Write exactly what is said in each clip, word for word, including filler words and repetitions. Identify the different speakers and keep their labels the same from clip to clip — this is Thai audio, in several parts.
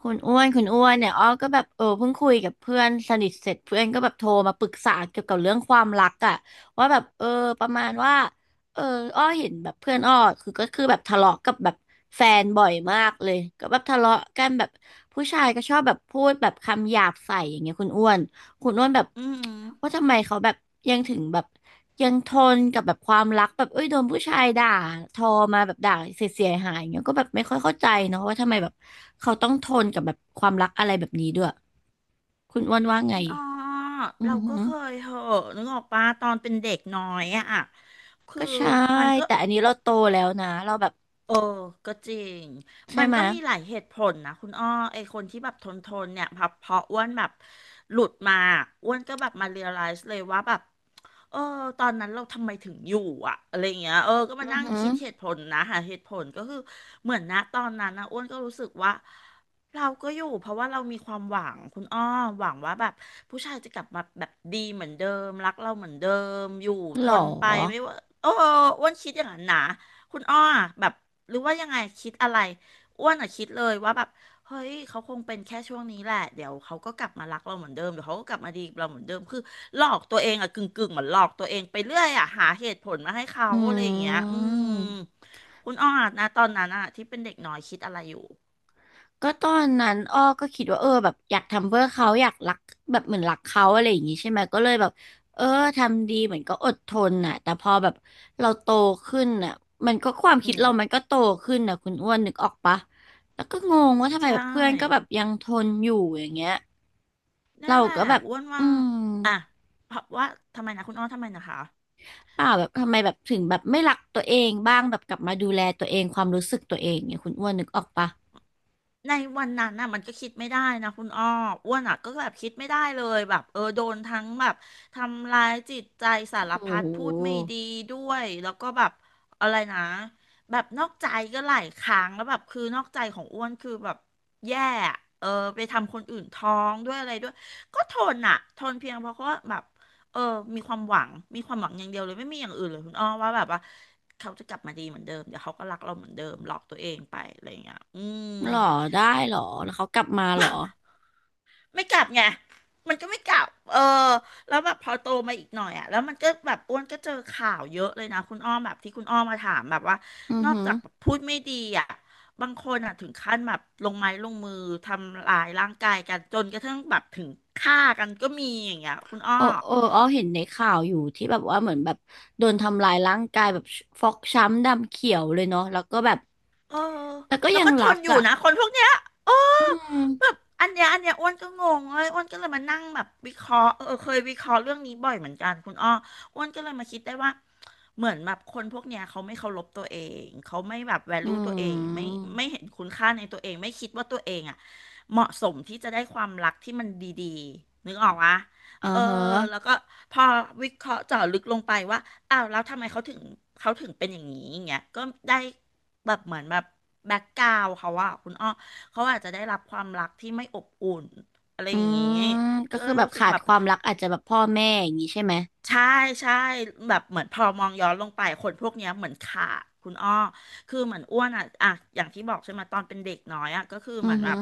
Speaker 1: คุณอ้วนคุณอ้วนเนี่ยอ้อก็แบบเออเพิ่งคุยกับเพื่อนสนิทเสร็จเพื่อนก็แบบโทรมาปรึกษาเกี่ยวกับเรื่องความรักอะว่าแบบเออประมาณว่าเอออ้อเห็นแบบเพื่อนอ้อคือก็คือแบบทะเลาะกับแบบแฟนบ่อยมากเลยก็แบบทะเลาะกันแบบผู้ชายก็ชอบแบบพูดแบบคำหยาบใส่อย่างเงี้ยคุณอ้วน คุณโน้วนแบบ
Speaker 2: อื
Speaker 1: ว่า
Speaker 2: ม
Speaker 1: ทำไมเขาแบบยังถึงแบบยังทนกับแบบความรักแบบเอ้ยโดนผู้ชายด่าทอมาแบบด่าเสียเสียหายๆเงี้ยก็แบบไม่ค่อยเข้าใจเนาะว่าทำไมแบบเขาต้องทนกับแบบความรักอะไรแบบนี้ด้วยคุณอ้วนว่าไง
Speaker 2: คุณอ้อ
Speaker 1: อื
Speaker 2: เรา
Speaker 1: อหื
Speaker 2: ก็
Speaker 1: อ
Speaker 2: เคยเหอะนึกออกปะตอนเป็นเด็กน้อยอะคือ
Speaker 1: ก็ใช่
Speaker 2: มันก็
Speaker 1: แต่อันนี้เราโตแล้วนะเราแบบ
Speaker 2: เออก็จริง
Speaker 1: ใช่
Speaker 2: มัน
Speaker 1: ไหม
Speaker 2: ก็
Speaker 1: ย
Speaker 2: มีหลายเหตุผลนะคุณอ้อไอคนที่แบบทนทนเนี่ยพอพออ้วนแบบหลุดมาอ้วนก็แบบมาเรียลไลซ์เลยว่าแบบ เออตอนนั้นเราทำไมถึงอยู่อะอะไรเงี้ยเออก็มา
Speaker 1: อือ
Speaker 2: นั่ง
Speaker 1: หือ
Speaker 2: คิดเหตุผลนะหาเหตุผลก็คือเหมือนนะตอนนั้นนะอ้วนก็รู้สึกว่าเราก็อยู่เพราะว่าเรามีความหวังคุณอ้อหวังว่าแบบผู้ชายจะกลับมาแบบดีเหมือนเดิมรักเราเหมือนเดิมอยู่ท
Speaker 1: หรอ
Speaker 2: นไปไม่ว่าเอออ้วนคิดอย่างนั้นนะคุณอ้อแบบหรือว่ายังไงคิดอะไรอ้วนอะคิดเลยว่าแบบ เฮ้ย เขาคงเป็นแค่ช่วงนี้แหละเดี๋ยวเขาก็กลับมารักเราเหมือนเดิม เดี๋ยวเขาก็กลับมาดีกับเราเหมือนเดิมคือหลอกตัวเองอะกึ่งกึ่งเหมือนหลอกตัวเองไปเรื่อยอะหาเหตุผลมาให้เขา
Speaker 1: อ
Speaker 2: อะไรอย่างเงี้
Speaker 1: ื
Speaker 2: ยอืม
Speaker 1: ม
Speaker 2: คุณอ้อนะตอนนั้นอะที่เป็นเด็กน้อยคิดอะไรอยู่
Speaker 1: ก็ตอนนั้นอ้อก็คิดว่าเออแบบอยากทำเพื่อเขาอยากรักแบบเหมือนรักเขาอะไรอย่างงี้ใช่ไหมก็เลยแบบเออทำดีเหมือนก็อดทนน่ะแต่พอแบบเราโตขึ้นน่ะมันก็ความ
Speaker 2: อื
Speaker 1: คิด
Speaker 2: ม
Speaker 1: เรามันก็โตขึ้นน่ะคุณอ้วนนึกออกปะแล้วก็งงว่าทำไม
Speaker 2: ใช
Speaker 1: แบบเพื่อนก็แบบ
Speaker 2: ่
Speaker 1: ยังทนอยู่อย่างเงี้ย
Speaker 2: นั่
Speaker 1: เรา
Speaker 2: นแหละ
Speaker 1: ก็แบบ
Speaker 2: อ้วน
Speaker 1: อื
Speaker 2: ว่า
Speaker 1: ม
Speaker 2: อ่ะเพราะว่าทำไมนะคุณอ้อทำไมนะคะ
Speaker 1: เปล่าแบบทำไมแบบถึงแบบไม่รักตัวเองบ้างแบบกลับมาดูแลตัวเองความรู้สึกตัวเองเนี่ยคุณอ้วนนึกออกปะ
Speaker 2: ในวันนั้นน่ะมันก็คิดไม่ได้นะคุณอ้ออ้วนอ่ะก็แบบคิดไม่ได้เลยแบบเออโดนทั้งแบบทำร้ายจิตใจสาร
Speaker 1: โ
Speaker 2: พัดพูด
Speaker 1: ห
Speaker 2: ไม่ดีด้วยแล้วก็แบบอะไรนะแบบนอกใจก็หลายครั้งแล้วแบบคือนอกใจของอ้วนคือแบบแย่อะเออไปทำคนอื่นท้องด้วยอะไรด้วยก็ทนอ่ะทนเพียงเพราะว่าแบบเออมีความหวังมีความหวังอย่างเดียวเลยไม่มีอย่างอื่นเลยคุณอ้อว่าแบบว่าเขาจะกลับมาดีเหมือนเดิมเดี๋ยวเขาก็รักเราเหมือนเดิมหลอกตัวเองไปอะไรอย่างเงี้ยอืม
Speaker 1: หรอได้หรอแล้วเขากลับมาหรอ
Speaker 2: ไม่กลับไงมันก็ไม่กลับเออแล้วแบบพอโตมาอีกหน่อยอ่ะแล้วมันก็แบบอ้วนก็เจอข่าวเยอะเลยนะคุณอ้อมแบบที่คุณอ้อมมาถามแบบว่า
Speaker 1: อือ
Speaker 2: นอก
Speaker 1: ฮึ
Speaker 2: จากแบบพูดไม่ดีอ่ะบางคนอ่ะถึงขั้นแบบลงไม้ลงมือทำลายร่างกายกันจนกระทั่งแบบถึงฆ่ากันก็มีอย่างเงี้ยคุณอ้อ
Speaker 1: โอ้โอ้อ้อเห็นในข่าวอยู่ที่แบบว่าเหมือนแบบโดนทำลายร่างกายแบบฟกช้ำดำเขียวเลยเนาะแล้วก็แบบ
Speaker 2: เออ
Speaker 1: แต่ก็
Speaker 2: แล้ว
Speaker 1: ยัง
Speaker 2: ก็ท
Speaker 1: รั
Speaker 2: น
Speaker 1: ก
Speaker 2: อยู่
Speaker 1: อ่ะ
Speaker 2: นะคนพวกเนี้ยเออ
Speaker 1: อื
Speaker 2: แบ
Speaker 1: ม
Speaker 2: บอันเนี้ยอันเนี้ยอ้วนก็งงเลยอ้วนก็เลยมานั่งแบบวิเคราะห์เออเคยวิเคราะห์เรื่องนี้บ่อยเหมือนกันคุณอ้ออ้วนก็เลยมาคิดได้ว่าเหมือนแบบคนพวกเนี้ยเขาไม่เคารพตัวเอง เขาไม่แบบแว
Speaker 1: อื
Speaker 2: ลูตัวเองไม่
Speaker 1: ม
Speaker 2: ไม่เห็นคุณค่าในตัวเองไม่คิดว่าตัวเองอ่ะเหมาะสมที่จะได้ความรักที่มันดีๆนึกออกวะ
Speaker 1: อ่า
Speaker 2: เออ
Speaker 1: ฮะ
Speaker 2: แล้วก็พอวิเคราะห์เจาะลึกลงไปว่า อ้าวแล้วทำไมเขาถึงเขาถึงเป็นอย่างนี้อย่างเงี้ยก็ได้แบบเหมือนแบบแบ็กกราวเขาอะคุณอ้อเขาอาจจะได้รับความรักที่ไม่อบอุ่นอะไร
Speaker 1: อื
Speaker 2: อย่างงี้
Speaker 1: มก็
Speaker 2: ก็
Speaker 1: คือแบบ
Speaker 2: รู้สึก
Speaker 1: ขาด
Speaker 2: แบบ
Speaker 1: ความรักอาจจะแบบพ่อแม่อย่างนี้ใช่ไหม
Speaker 2: ใช่ใช่แบบเหมือนพอมองย้อนลงไปคนพวกเนี้ยเหมือนขาดคุณอ้อคือเหมือนอ้วนอ่ะอ่ะอย่างที่บอกใช่ไหมตอนเป็นเด็กน้อยอ่ะก็คือเห
Speaker 1: อื
Speaker 2: มื
Speaker 1: อ
Speaker 2: อนแบ
Speaker 1: ฮึ
Speaker 2: บ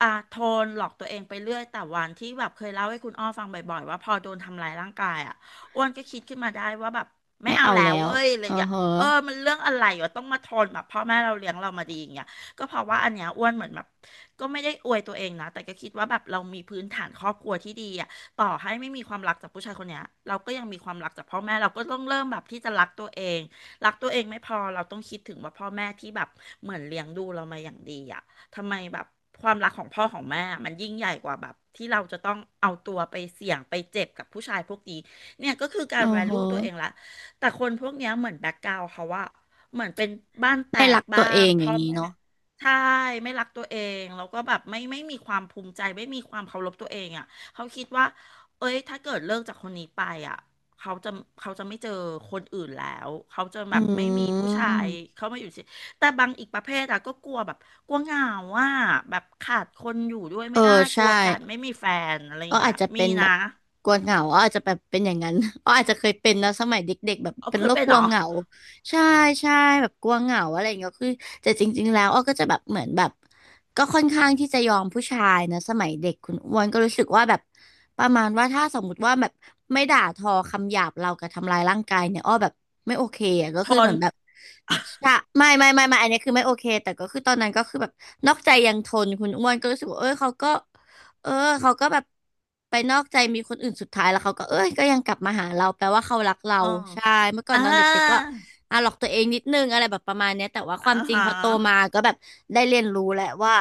Speaker 2: อ่ะทนหลอกตัวเองไปเรื่อยแต่วันที่แบบเคยเล่าให้คุณอ้อฟังบ่อยๆว่าพอโดนทำร้ายร่างกายอ่ะอ้วนก็คิดขึ้นมาได้ว่าแบบไม่
Speaker 1: ไม่
Speaker 2: เอา
Speaker 1: เอา
Speaker 2: แล้
Speaker 1: แล้
Speaker 2: ว
Speaker 1: ว
Speaker 2: เว้ยเลย
Speaker 1: อ่า
Speaker 2: อ่ะ
Speaker 1: ฮะ
Speaker 2: เออมันเรื่องอะไรวะต้องมาทนแบบพ่อแม่เราเลี้ยงเรามาดีอย่างเงี้ยก็เพราะว่าอันเนี้ยอ้วนเหมือนแบบก็ไม่ได้อวยตัวเองนะแต่ก็คิดว่าแบบเรามีพื้นฐานครอบครัวที่ดีอ่ะ ต่อให้ไม่มีความรักจากผู้ชายคนเนี้ยเราก็ยังมีความรักจากพ่อแม่เราก็ต้องเริ่มแบบที่จะรักตัวเองรักตัวเองไม่พอเราต้องคิดถึงว่าพ่อแม่ที่แบบเหมือนเลี้ยงดูเรามาอย่างดีอ่ะทำไมแบบความรักของพ่อของแม่อะมันยิ่งใหญ่กว่าแบบที่เราจะต้องเอาตัวไปเสี่ยงไปเจ็บกับผู้ชายพวกนี้เนี่ยก็คือการ
Speaker 1: อ่าฮะ
Speaker 2: value ตัวเองละแต่คนพวกเนี้ยเหมือนแบ็คกราวเขาว่าเหมือนเป็นบ้านแต
Speaker 1: ไม่
Speaker 2: ก
Speaker 1: รักตั
Speaker 2: บ้า
Speaker 1: วเอ
Speaker 2: ง
Speaker 1: ง
Speaker 2: เพ
Speaker 1: อย่าง
Speaker 2: ราะ
Speaker 1: นี้
Speaker 2: ไม่
Speaker 1: เนาะ
Speaker 2: ไม่ใช่ไม่รักตัวเองแล้วก็แบบไม่ไม่มีความภูมิใจไม่มีความเคารพตัวเองอ่ะเขาคิดว่า เอ้ยถ้าเกิดเลิกจากคนนี้ไปอ่ะเขาจะเขาจะไม่เจอคนอื่นแล้วเขาจะ
Speaker 1: อื
Speaker 2: แบบไม่มีผู้ชาย
Speaker 1: ม
Speaker 2: เข้ามาอยู่สิแต่บางอีกประเภทอ่ะก็กลัวแบบกลัวเหงาว่าแบบขาดคนอยู่ด้วย
Speaker 1: เอ
Speaker 2: ไม่
Speaker 1: อ
Speaker 2: ได้ก
Speaker 1: ใช่
Speaker 2: ลัวการไม่มีแฟนอะไรอ
Speaker 1: อ้อ
Speaker 2: ย่างเงี้
Speaker 1: อา
Speaker 2: ย
Speaker 1: จจะ
Speaker 2: มี
Speaker 1: เป็นแบ
Speaker 2: นะ
Speaker 1: บกลัวเหงาอ้ออาจจะแบบเป็นอย่างนั้น อ้ออาจจะเคยเป็นนะสมัยเด็กๆแบบ
Speaker 2: เอา
Speaker 1: เป็น
Speaker 2: เค
Speaker 1: โร
Speaker 2: ย
Speaker 1: ค
Speaker 2: เป็น
Speaker 1: กลั
Speaker 2: เหร
Speaker 1: ว
Speaker 2: อ
Speaker 1: เหงาใช่ใช่แบบกลัวเหงาอะไรอย่างเงี้ยคือแต่จริงๆแล้วอ้อก็จะแบบเหมือนแบบก็ค่อนข้างที่จะยอมผู้ชายนะสมัยเด็กคุณอ้วนก็รู้สึกว่าแบบประมาณว่าถ้าสมมติว่าแบบไม่ด่าทอคำหยาบเรากับทำร้ายร่างกายเนี่ยอ้อแบบไม่โอเคอะก็
Speaker 2: ท
Speaker 1: คือเห
Speaker 2: น
Speaker 1: มือนแบบใช่ไม่ไม่ไม่ไม่อันนี้คือไม่โอเคแต่ก็คือตอนนั้นก็คือแบบนอกใจยังทนคุณอ้วนก็รู้สึกว่าเออเขาก็ เออเขาก็แบบไปนอกใจมีคนอื่นสุดท้ายแล้วเขาก็เอ้ยก็ยังกลับมาหาเราแปลว่าเขารักเรา
Speaker 2: เออ
Speaker 1: ใช่เมื่อก่อน
Speaker 2: อ่า
Speaker 1: ตอนเด็กๆก็อ่ะหลอกตัวเองนิดนึงอะไรแบบประมาณเนี้ยแต่ว่าค
Speaker 2: อ่า
Speaker 1: วามจริง
Speaker 2: ฮะ
Speaker 1: พอโตมาก็แบบได้เรียนรู้แหละว่า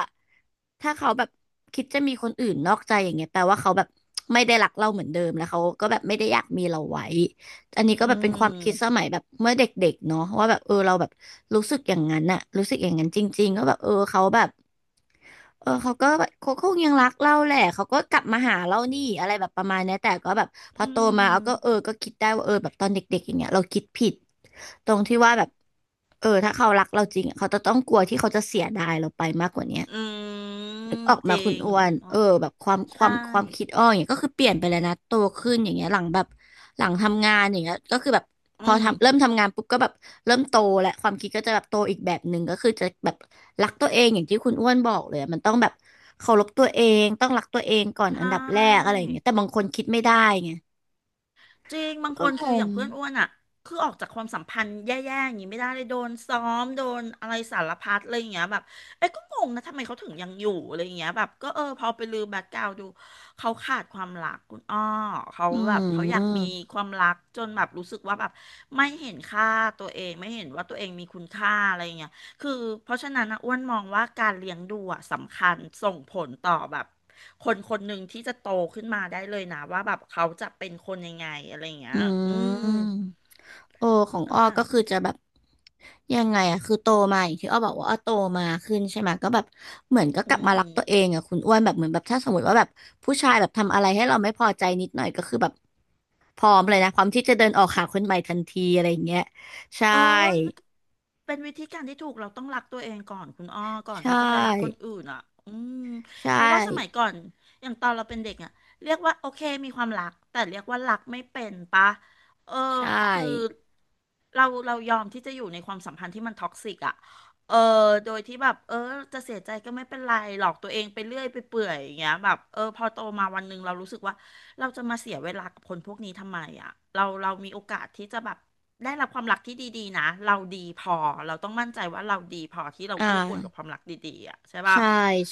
Speaker 1: ถ้าเขาแบบคิดจะมีคนอื่นนอกใจอย่างเงี้ยแปลว่าเขาแบบไม่ได้รักเราเหมือนเดิมแล้วเขาก็แบบไม่ได้อยากมีเราไว้อันนี้
Speaker 2: อื
Speaker 1: ก็แบบเป็นความคิดส
Speaker 2: ม
Speaker 1: มัยแบบเมื่อเด็กๆเนาะว่าแบบเออเราแบบรู้สึกอย่างนั้นน่ะรู้สึกอย่างนั้นจริงๆก็แบบเออเขาแบบ เออเขาก็แบบเขาคงยังรักเราแหละเขาก็กลับมาหาเรานี่อะไรแบบประมาณเนี้ยแต่ก็แบบพอ
Speaker 2: อื
Speaker 1: โตมาเอาก็เออ
Speaker 2: ม
Speaker 1: ก็คิดได้ว่าเออแบบตอนเด็กๆอย่างเงี้ยเราคิดผิดตรงที่ว่าแบบเออถ้าเขารักเราจริงอะเขาจะต้องกลัวที่เขาจะเสียดายเราไปมากกว่าเนี้ย
Speaker 2: อืม
Speaker 1: นึกออก
Speaker 2: จ
Speaker 1: มา
Speaker 2: ริ
Speaker 1: คุณ
Speaker 2: ง
Speaker 1: อ้ว
Speaker 2: คุ
Speaker 1: น
Speaker 2: ณอ๋อ
Speaker 1: เออแบบความค
Speaker 2: ใช่
Speaker 1: วามความคิดอ้ออย่างเงี้ยก็คือเปลี่ยนไปแล้วนะโตขึ้นอย่างเงี้ยหลังแบบหลังทำงานอย่างเงี้ยก็คือแบบ
Speaker 2: อื
Speaker 1: พอ
Speaker 2: ม
Speaker 1: ทำเริ่มทำงานปุ๊บก็แบบเริ่มโตแลวความคิดก็จะแบบโตอีกแบบหนึ่งก็คือจะแบบรักตัวเองอย่างที่คุณอ้วนบอกเลยอะมันต้องแบบเคารพตัวเองต้องรักตัวเองก่อนอั
Speaker 2: ใช่
Speaker 1: นดับแรกอะไรอย่างเงี้ยแต่บางคนคิดไม่ได้ไง
Speaker 2: จริงบางค
Speaker 1: ก็
Speaker 2: น
Speaker 1: ง
Speaker 2: คืออ
Speaker 1: ง
Speaker 2: ย่างเพื่อนอ้วนอ่ะคือออกจากความสัมพันธ์แย่ๆอย่างนี้ไม่ได้เลยโดนซ้อมโดนอะไรสารพัดอะไรอย่างเงี้ยแบบเอ้ยก็งงนะทำไมเขาถึงยังอยู่อะไรอย่างเงี้ยแบบก็เออพอไปลือแบ็คกราวดูเขาขาดความรักคุณอ้อเขา
Speaker 1: อื
Speaker 2: แบบเขาอยากมี
Speaker 1: ม
Speaker 2: ความรักจนแบบรู้สึกว่าแบบไม่เห็นค่าตัวเองไม่เห็นว่าตัวเองมีคุณค่าอะไรอย่างเงี้ย คือเพราะฉะนั้นนะอ้วนมองว่าการเลี้ยงดูอ่ะสำคัญส่งผลต่อแบบคนคนหนึ่งที่จะโตขึ้นมาได้เลยนะว่าแบบเขาจะเป็นคนยังไงอะไรอย่างเงี้
Speaker 1: อื
Speaker 2: ยอืม
Speaker 1: มโอของ
Speaker 2: นั่น
Speaker 1: อ้อก็
Speaker 2: แหละ
Speaker 1: คือจะแบบยังไงอะคือโตมาอย่างที่อ้อบอกว่าอ้อโตมาขึ้นใช่ไหมก็แบบเหมือนก็
Speaker 2: อื
Speaker 1: กลับมารักตัวเอ
Speaker 2: ม
Speaker 1: งอะคุณอ้วนแบบเหมือนแบบถ้าสมมติว่าแบบผู้ชายแบบทำอะไรให้เราไม่พอใจนิดหน่อยก็คือแบบพร้อมเลยนะพร้อมที่จะเดินออกหาคนใหม่ทันทีอะไรอย่างเงี้ยใช่
Speaker 2: เออเป็นวิธีการที่ถูกเราต้องรักตัวเองก่อนคุณอ้อก่อ
Speaker 1: ใช
Speaker 2: นที่จะไปรักคน
Speaker 1: ่
Speaker 2: อื่นอ่ะอืม
Speaker 1: ใช่
Speaker 2: เพราะว่าสมัยก่อนอย่างตอนเราเป็นเด็กอ่ะเรียกว่าโอเคมีความรักแต่เรียกว่ารักไม่เป็นปะเออ
Speaker 1: ใช่
Speaker 2: คือเราเรายอมที่จะอยู่ในความสัมพันธ์ที่มันท็อกซิกอ่ะเออโดยที่แบบเออจะเสียใจก็ไม่เป็นไรหลอกตัวเองไปเรื่อยไปเปื่อยอย่างเงี้ยแบบเออพอโตมาวันหนึ่งเรารู้สึกว่าเราจะมาเสียเวลากับคนพวกนี้ทำไมอ่ะเราเรามีโอกาสที่จะแบบ ได้รับความรักที่ดีๆนะเราดีพอเราต้องมั่นใจว่าเราดีพอที่เรา
Speaker 1: อ่
Speaker 2: คู่ควรกับค
Speaker 1: า
Speaker 2: วามรักดีๆอ่ะใช่ป่ะ
Speaker 1: ใช่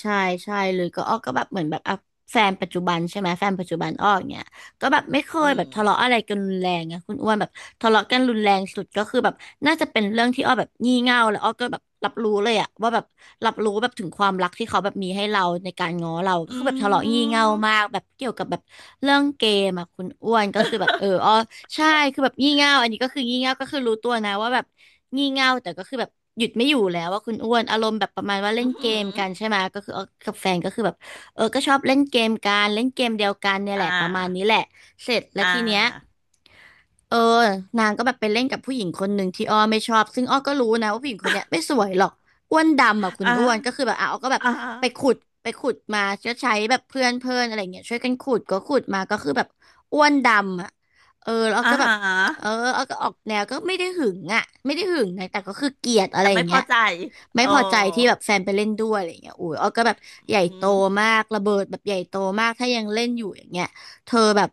Speaker 1: ใช่ใช่เลยก็อ้อก็แบบเหมือนแบบอ่ะแฟนปัจจุบันใช่ไหมแฟนปัจจุบันอ้ออย่างเงี้ย ก็แบบไม่เค
Speaker 2: อื
Speaker 1: ยแบ
Speaker 2: ม
Speaker 1: บทะเลาะอะไรกันรุนแรงอะคุณอ้วนแบบทะเลาะกันรุนแรงสุดก็คือแบบน่าจะเป็นเรื่องที่อ้อแบบงี่เง่าแล้วอ้อก็แบบรับรู้เลยอะว่าแบบรับรู้แบบถึงความรักที่เขาแบบมีให้เราในการง้อเราก็
Speaker 2: อื
Speaker 1: คือแบบทะเลาะงี่เง่ามาก
Speaker 2: ม
Speaker 1: แบบเกี่ยวกับแบบเรื่องเกมอะคุณอ้วนก็คือแบบเอออ้อใช่คือแบบงี่เง่าอันนี้ก็คืองี่เง่าก็คือรู้ตัวนะว่าแบบงี่เง่าแต่ก็คือแบบหยุดไม่อยู่แล้วว่าคุณอ้วนอารมณ์แบบประมาณว่าเล่
Speaker 2: อื
Speaker 1: นเกม
Speaker 2: ม
Speaker 1: กันใช่ไหมก็คืออ้อกับแฟนก็คือแบบเออก็ชอบเล่นเกมกันเล่นเกมเดียวกันเนี่ยแห
Speaker 2: อ่
Speaker 1: ละประมาณนี้
Speaker 2: า
Speaker 1: แหละ เสร็จแล้
Speaker 2: อ่
Speaker 1: วทีเนี้ย
Speaker 2: า
Speaker 1: เออนางก็แบบไปเล่นกับผู้หญิงคนหนึ่งที่อ้อไม่ชอบซึ่งอ้อก็รู้นะว่าผู้หญิงคนเนี้ยไม่สวยหรอกอ้วนดำอ่ะคุณ
Speaker 2: อ่า
Speaker 1: อ้วนก็คือแบบอ่ะอ้อก็แบบ
Speaker 2: อ่า
Speaker 1: ไปขุดไปขุดมาก็ใช้แบบเพื่อนเพื่อนอะไรเงี้ยช่วยกันขุดก็ขุดมาก็คือแบบอ้วนดำอ่ะเออแล้วอ้อ
Speaker 2: อ่า
Speaker 1: ก็แบบ
Speaker 2: ฮะ
Speaker 1: เอออ้อก็ออกแนวก็ไม่ได้หึงอ่ะไม่ได้หึงนะแต่ก็คือเกลียดอะ
Speaker 2: แต่
Speaker 1: ไรอ
Speaker 2: ไม่
Speaker 1: ย่าง
Speaker 2: พ
Speaker 1: เงี้
Speaker 2: อ
Speaker 1: ย
Speaker 2: ใจเอ
Speaker 1: ไม่
Speaker 2: อ
Speaker 1: พอใจที่แบบแฟนไปเล่นด้วยอะไรอย่างเงี้ยอุ้ยอ้อก็แบบใหญ่
Speaker 2: อื
Speaker 1: โต
Speaker 2: ม
Speaker 1: มากระเบิดแบบใหญ่โตมากถ้ายังเล่นอยู่อย่างเงี้ยเธอแบบ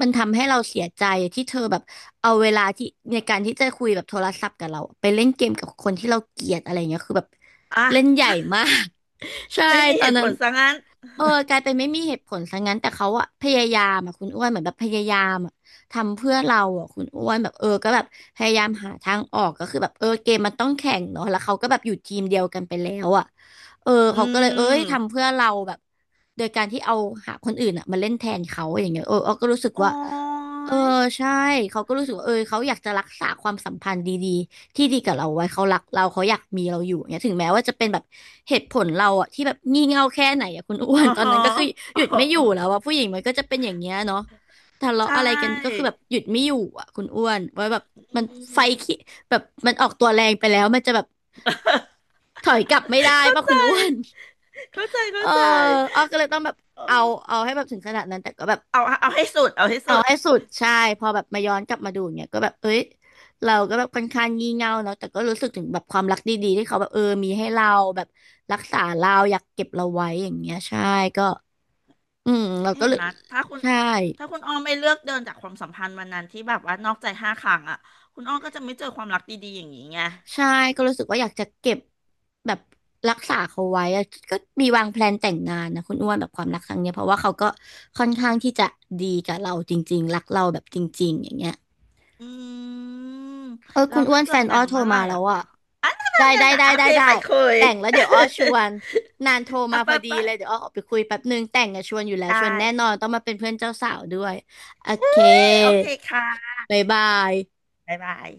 Speaker 1: มันทำให้เราเสียใจที่เธอแบบเอาเวลาที่ในการที่จะคุยแบบโทรศัพท์กับเราไปเล่นเกมกับคนที่เราเกลียดอะไรเงี้ยคือแบบ
Speaker 2: อ
Speaker 1: เล่นให
Speaker 2: ่ะ
Speaker 1: ญ่มาก ใช่
Speaker 2: ไม่มี
Speaker 1: ตอ
Speaker 2: เห
Speaker 1: น
Speaker 2: ตุผ
Speaker 1: นั้น
Speaker 2: ลซะงั้น
Speaker 1: เออกลายเป็นไม่มีเหตุผลซะงั้นแต่เขาอะพยายามอะคุณอ้วนเหมือนแบบพยายามอะทำเพื่อเราอะคุณอ้วนแบบเออก็แบบพยายามหาทางออกก็คือแบบเออเกมมันต้องแข่งเนาะแล้วเขาก็แบบอยู่ทีมเดียวกันไปแล้วอะ เออ
Speaker 2: อื
Speaker 1: เขาก็เลยเอ้ยทำ
Speaker 2: ม
Speaker 1: เพื่อเราแบบโดยการที่เอาหาคนอื่นอ่ะมาเล่นแทนเขาอย่างเงี้ยเออเอาก็รู้สึก
Speaker 2: โอ้
Speaker 1: ว่าเออ
Speaker 2: ย
Speaker 1: ใช่เขาก็รู้สึกว่าเออเขาอยากจะรักษาความสัมพันธ์ดีๆที่ดีกับเราไว้เขารักเราเขาอยากมีเราอยู่อย่างเงี้ยถึงแม้ว่าจะเป็นแบบเหตุผลเราอ่ะที่แบบงี่เง่าแค่ไหนอ่ะคุณอ้ว
Speaker 2: อ๋อ
Speaker 1: นตอน
Speaker 2: ฮะ
Speaker 1: นั้นก็คือห
Speaker 2: อ๋อ
Speaker 1: ยุดไม่อยู่แล้วว่าผู้หญิงมันก็จะเป็นอย่างเงี้ยเนาะทะเลาะ
Speaker 2: ใช่
Speaker 1: อะไรกันก็คือแบบหยุดไม่อยู่อ่ะคุณอ้วนว่าแบบ
Speaker 2: อื
Speaker 1: มันไฟ
Speaker 2: ม
Speaker 1: ขี้แบบมันออกตัวแรงไปแล้วมันจะแบบถอยกลับไม่ได้
Speaker 2: เข้า
Speaker 1: ป่ะ
Speaker 2: ใจ
Speaker 1: คุณอ้วน
Speaker 2: เข้าใจ
Speaker 1: เอ
Speaker 2: เข้า
Speaker 1: อ
Speaker 2: ใจ
Speaker 1: อ้อก็เลยต้องแบบ
Speaker 2: เอ
Speaker 1: เอา
Speaker 2: อ
Speaker 1: เอาให้แบบถึงขนาดนั้นแต่ก็แบบ
Speaker 2: เอาเอาให้สุดเอาให้
Speaker 1: เอา
Speaker 2: สุด
Speaker 1: ให้สุดใช่พอแบบมาย้อนกลับมาดูเนี่ยก็แบบเอ้ยเราก็แบบค่อนข้างงี่เง่าเนาะแต่ก็รู้สึกถึงแบบความรักดีๆ ที่เขาแบบเออมีให้เราแบบรักษาเราอยากเก็บเราไว้อย่างเงี้ยใช่ก็อืมเราก็
Speaker 2: เห็
Speaker 1: เล
Speaker 2: น
Speaker 1: ย
Speaker 2: ไหมยถ้าคุณ
Speaker 1: ใช่
Speaker 2: ถ้าคุณอ้อไม่เลือกเดินจากความสัมพันธ์วันนั้นที่แบบว่านอกใจห้าครั้งอ่ะคุณอ้อก็จะไม่เจอความรักดีๆอย่างนี้ไง
Speaker 1: ใช่ ก็รู้สึกว่าอยากจะเก็บแบบรักษาเขาไว้อะก็มีวางแพลนแต่งงานนะคุณอ้วนแบบความรักครั้งเนี้ยเพราะว่าเขาก็ค่อนข้างที่จะดีกับเราจริงๆรักเราแบบจริงๆอย่างเงี้ย
Speaker 2: อืม
Speaker 1: เออ
Speaker 2: แล้
Speaker 1: คุ
Speaker 2: ว
Speaker 1: ณอ้ว
Speaker 2: ถ้า
Speaker 1: น
Speaker 2: เกิ
Speaker 1: แฟ
Speaker 2: ด
Speaker 1: น
Speaker 2: แต่
Speaker 1: อ้อ
Speaker 2: ง
Speaker 1: โทร
Speaker 2: เมื่อไหร่
Speaker 1: มาแล้
Speaker 2: อ่ะ
Speaker 1: วอ่ะได้
Speaker 2: นั่
Speaker 1: ได้
Speaker 2: นน่ะ
Speaker 1: ได้
Speaker 2: โอ
Speaker 1: ได้
Speaker 2: เค
Speaker 1: ได้
Speaker 2: ไปคุย
Speaker 1: แต่งแล้วเดี๋ยวอ้อชวนนานโทร
Speaker 2: เอา
Speaker 1: มาพ
Speaker 2: ไป
Speaker 1: อดี
Speaker 2: ไป
Speaker 1: เลยเดี๋ยวอ้อออกไปคุยแป๊บนึงแต่งอะชวนอยู่แล้ว
Speaker 2: ได้
Speaker 1: ชวนแน่นอนต้องมาเป็นเพื่อนเจ้าสาวด้วยโอ
Speaker 2: อุ้
Speaker 1: เค
Speaker 2: ยโอเคค่ะ
Speaker 1: บ๊ายบาย
Speaker 2: บ๊ายบาย